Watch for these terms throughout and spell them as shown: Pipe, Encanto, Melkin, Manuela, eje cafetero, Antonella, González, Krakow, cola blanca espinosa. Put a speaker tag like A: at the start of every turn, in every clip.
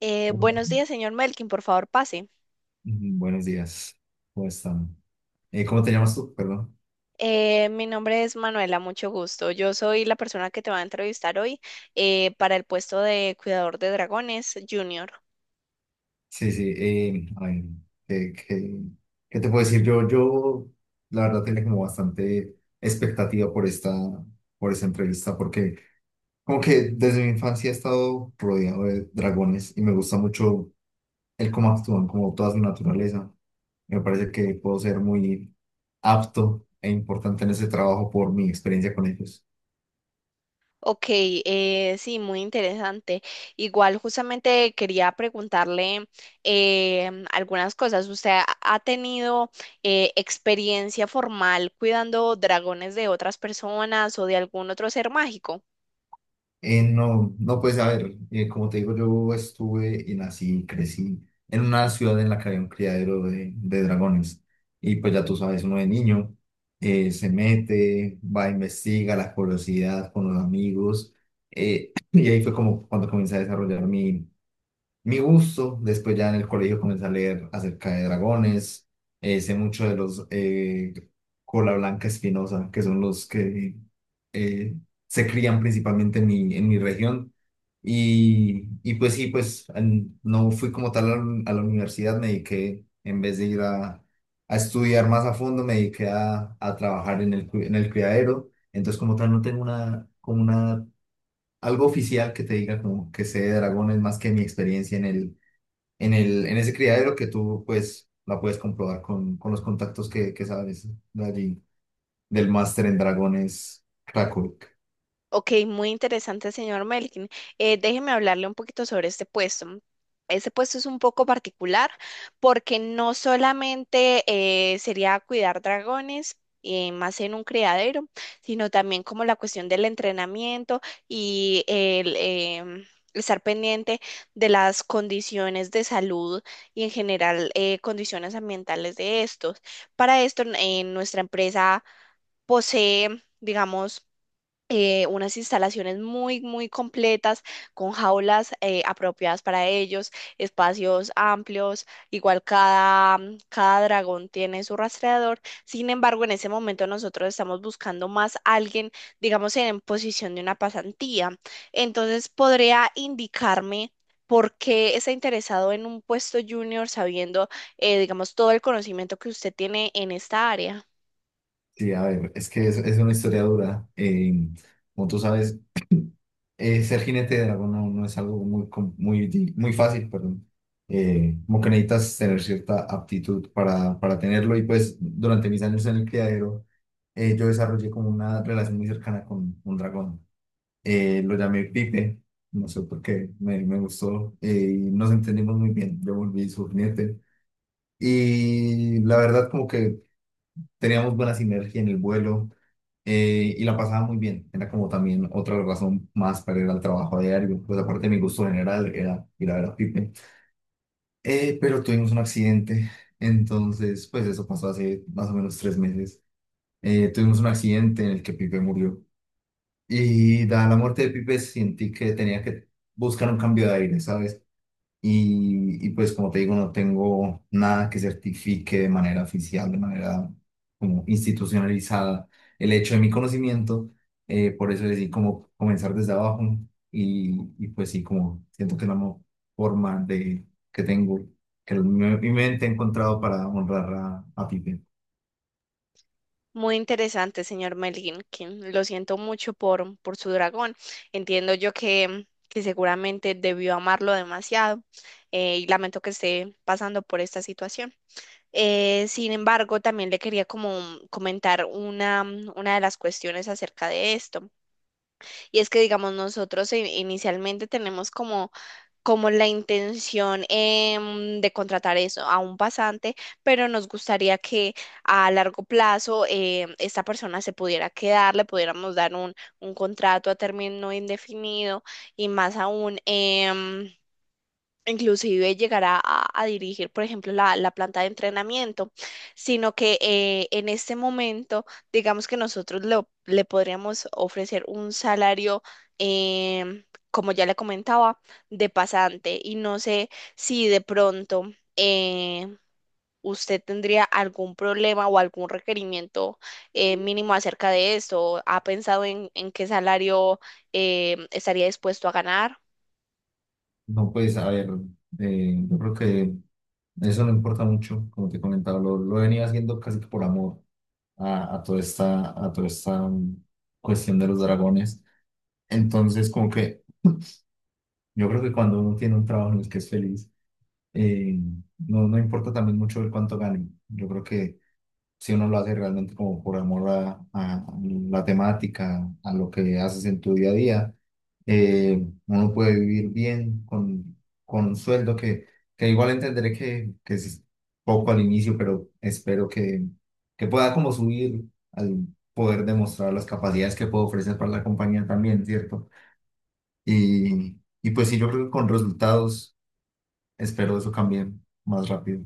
A: Hola.
B: Buenos días, señor Melkin, por favor, pase.
A: Buenos días, ¿cómo están? ¿Cómo te llamas tú? Perdón.
B: Mi nombre es Manuela, mucho gusto. Yo soy la persona que te va a entrevistar hoy para el puesto de cuidador de dragones junior.
A: Sí, sí, ay, ¿qué, qué- qué te puedo decir? Yo, la verdad, tenía como bastante expectativa por esta entrevista, porque como que desde mi infancia he estado rodeado de dragones y me gusta mucho el cómo actúan, como toda su naturaleza. Me parece que puedo ser muy apto e importante en ese trabajo por mi experiencia con ellos.
B: Ok, sí, muy interesante. Igual justamente quería preguntarle algunas cosas. ¿Usted ha tenido experiencia formal cuidando dragones de otras personas o de algún otro ser mágico?
A: No, no, pues a ver, como te digo, yo estuve y nací y crecí en una ciudad en la que había un criadero de dragones. Y pues ya tú sabes, uno de niño se mete, va, investiga la curiosidad con los amigos. Y ahí fue como cuando comencé a desarrollar mi gusto. Después ya en el colegio comencé a leer acerca de dragones. Sé mucho de los cola blanca espinosa, que son los que eh, se crían principalmente en en mi región. Y, pues sí, pues no fui como tal a la universidad, me dediqué, en vez de ir a estudiar más a fondo, me dediqué a trabajar en en el criadero. Entonces como tal no tengo algo oficial que te diga como que sé de dragones más que mi experiencia en ese criadero que tú pues la puedes comprobar con los contactos que sabes de allí, del máster en dragones Krakow.
B: Ok, muy interesante, señor Melkin. Déjeme hablarle un poquito sobre este puesto. Este puesto es un poco particular porque no solamente sería cuidar dragones, más en un criadero, sino también como la cuestión del entrenamiento y el estar pendiente de las condiciones de salud y en general condiciones ambientales de estos. Para esto, nuestra empresa posee, digamos, unas instalaciones muy, muy completas, con jaulas apropiadas para ellos, espacios amplios, igual cada, cada dragón tiene su rastreador. Sin embargo, en ese momento nosotros estamos buscando más alguien, digamos, en posición de una pasantía. Entonces, ¿podría indicarme? ¿Por qué está interesado en un puesto junior sabiendo, digamos, todo el conocimiento que usted tiene en esta área?
A: Sí, a ver, es que es una historia dura. Como tú sabes, ser jinete de dragón no, no es algo muy fácil, perdón. Como que necesitas tener cierta aptitud para tenerlo y pues durante mis años en el criadero yo desarrollé como una relación muy cercana con un dragón. Lo llamé Pipe, no sé por qué, me gustó y nos entendimos muy bien. Yo volví su jinete y la verdad como que teníamos buena sinergia en el vuelo y la pasaba muy bien. Era como también otra razón más para ir al trabajo a diario. Pues aparte de mi gusto general era ir a ver a Pipe. Pero tuvimos un accidente. Entonces, pues eso pasó hace más o menos 3 meses. Tuvimos un accidente en el que Pipe murió. Y dada la muerte de Pipe, sentí que tenía que buscar un cambio de aire, ¿sabes? Y, pues como te digo, no tengo nada que certifique de manera oficial, de manera como institucionalizada el hecho de mi conocimiento. Por eso decidí como comenzar desde abajo, y, y pues sí, como siento que es la forma que tengo, mi mente ha encontrado para honrar a Pipe.
B: Muy interesante, señor Melinkin. Lo siento mucho por su dragón. Entiendo yo que seguramente debió amarlo demasiado y lamento que esté pasando por esta situación. Sin embargo, también le quería como comentar una de las cuestiones acerca de esto. Y es que, digamos, nosotros inicialmente tenemos como como la intención de contratar eso a un pasante, pero nos gustaría que a largo plazo esta persona se pudiera quedar, le pudiéramos dar un contrato a término indefinido y más aún. Inclusive llegará a dirigir, por ejemplo, la planta de entrenamiento, sino que en este momento, digamos que nosotros le podríamos ofrecer un salario, em, como ya le comentaba, de pasante. Y no sé si de pronto eh, usted tendría algún problema o algún requerimiento mínimo acerca de esto. ¿Ha pensado en qué salario estaría dispuesto a ganar?
A: No, pues a ver, yo creo que eso no importa mucho, como te comentaba, lo venía haciendo casi que por amor a toda esta cuestión de los dragones. Entonces, como que yo creo que cuando uno tiene un trabajo en el que es feliz, eh, no, no importa también mucho el cuánto gane. Yo creo que si uno lo hace realmente como por amor a la temática, a lo que haces en tu día a día, uno puede vivir bien con un sueldo que igual entenderé que es poco al inicio, pero espero que pueda como subir al poder demostrar las capacidades que puedo ofrecer para la compañía también, ¿cierto? Y, y, pues sí, yo creo que con resultados espero eso cambie más rápido.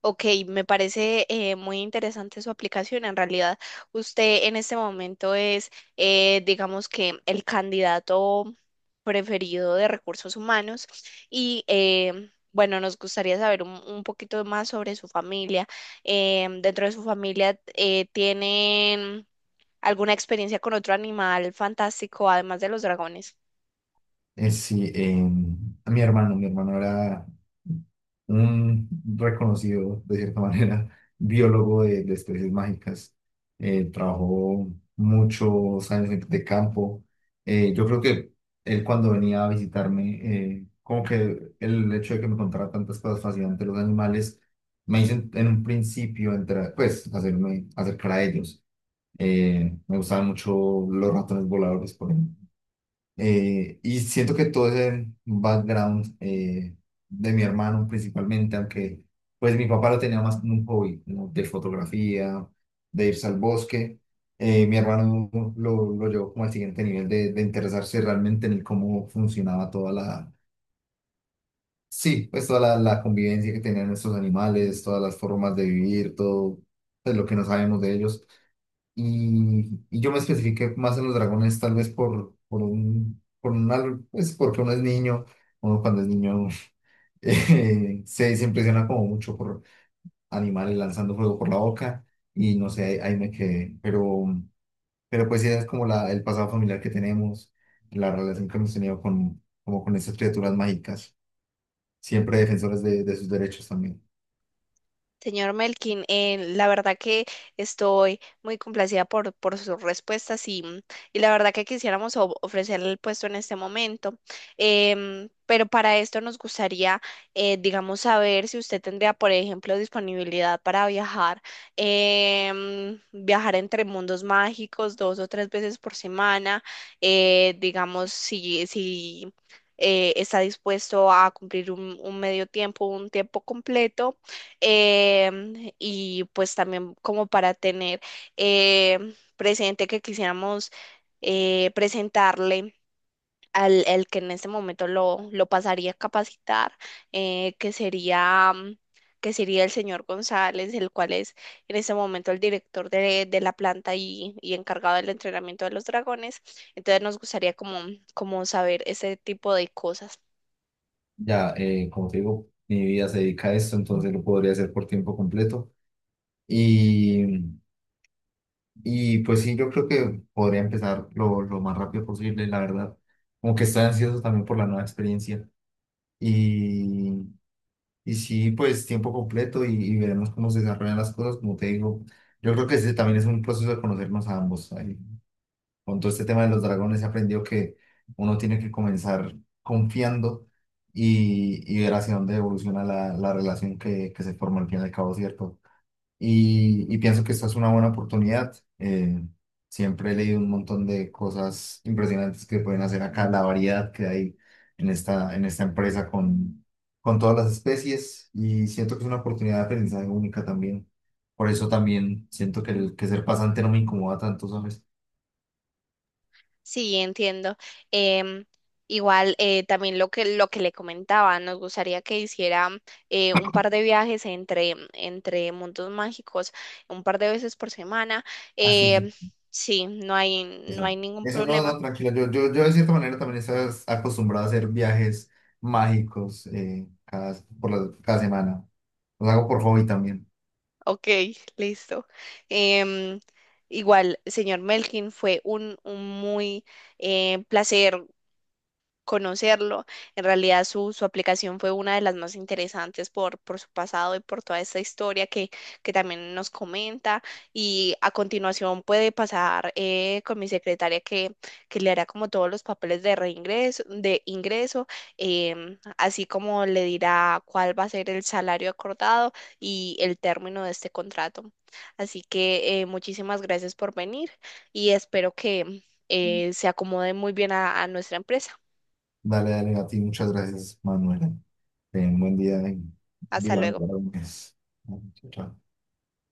B: Ok, me parece muy interesante su aplicación. En realidad, usted en este momento es, digamos que, el candidato preferido de recursos humanos y, bueno, nos gustaría saber un poquito más sobre su familia. Dentro de su familia, ¿tienen alguna experiencia con otro animal fantástico, además de los dragones?
A: Sí, mi hermano era un reconocido, de cierta manera, biólogo de especies mágicas. Trabajó muchos años de campo. Yo creo que él cuando venía a visitarme, como que el hecho de que me contara tantas cosas fascinantes de los animales, me hizo en un principio entrar, pues hacerme acercar a ellos. Me gustaban mucho los ratones voladores, por ejemplo. Y siento que todo ese background de mi hermano principalmente, aunque pues mi papá lo tenía más como un hobby, como de fotografía, de irse al bosque, mi hermano lo llevó como al siguiente nivel de interesarse realmente en el cómo funcionaba sí, pues toda la convivencia que tenían estos animales, todas las formas de vivir, todo pues, lo que no sabemos de ellos. Y, yo me especifiqué más en los dragones, tal vez pues porque uno es niño, uno cuando es niño se impresiona como mucho por animales lanzando fuego por la boca y no sé, ahí, ahí me quedé. Pero pues sí, es como el pasado familiar que tenemos, la relación que hemos tenido como con esas criaturas mágicas, siempre defensores de sus derechos también.
B: Señor Melkin, la verdad que estoy muy complacida por sus respuestas y, y la verdad que quisiéramos ofrecerle el puesto en este momento. Pero para esto nos gustaría, digamos, saber si usted tendría, por ejemplo, disponibilidad para viajar, viajar entre mundos mágicos dos o tres veces por semana, digamos, si, si está dispuesto a cumplir un medio tiempo, un tiempo completo y pues también como para tener presente que quisiéramos presentarle al el que en este momento lo pasaría a capacitar, que sería, que sería el señor González, el cual es en este momento el director de la planta y encargado del entrenamiento de los dragones. Entonces nos gustaría como, como saber ese tipo de cosas.
A: Ya, como te digo, mi vida se dedica a esto, entonces lo podría hacer por tiempo completo. Y, y, pues sí, yo creo que podría empezar lo más rápido posible, la verdad. Como que estoy ansioso también por la nueva experiencia. Y, y, sí, pues tiempo completo y veremos cómo se desarrollan las cosas. Como te digo, yo creo que ese también es un proceso de conocernos a ambos. Ahí con todo este tema de los dragones he aprendido que uno tiene que comenzar confiando, y ver hacia dónde evoluciona la relación que se forma al fin y al cabo, ¿cierto? Y, pienso que esta es una buena oportunidad. eh, siempre he leído un montón de cosas impresionantes que pueden hacer acá, la variedad que hay en esta empresa con todas las especies y siento que es una oportunidad de aprendizaje única también. Por eso también siento que ser pasante no me incomoda tanto, ¿sabes?
B: Sí, entiendo. Em, igual también lo que le comentaba, nos gustaría que hiciera un par de viajes entre mundos mágicos, un par de veces por semana.
A: Sí, sí.
B: Em, sí, no hay no
A: Eso,
B: hay ningún
A: eso no,
B: problema.
A: no, tranquila. Yo de cierta manera también estaba acostumbrado a hacer viajes mágicos cada semana. Los hago por hobby también.
B: Ok, listo. Em, igual, señor Melkin, fue un muy placer conocerlo. En realidad su, su aplicación fue una de las más interesantes por su pasado y por toda esta historia que también nos comenta. Y a continuación puede pasar con mi secretaria que le hará como todos los papeles de reingreso, de ingreso, así como le dirá cuál va a ser el salario acordado y el término de este contrato. Así que muchísimas gracias por venir y espero que se acomode muy bien a nuestra empresa.
A: Dale, dale, a ti. Muchas gracias, Manuela. Ten un buen día y
B: Hasta
A: viva.
B: luego.
A: Chao, chao.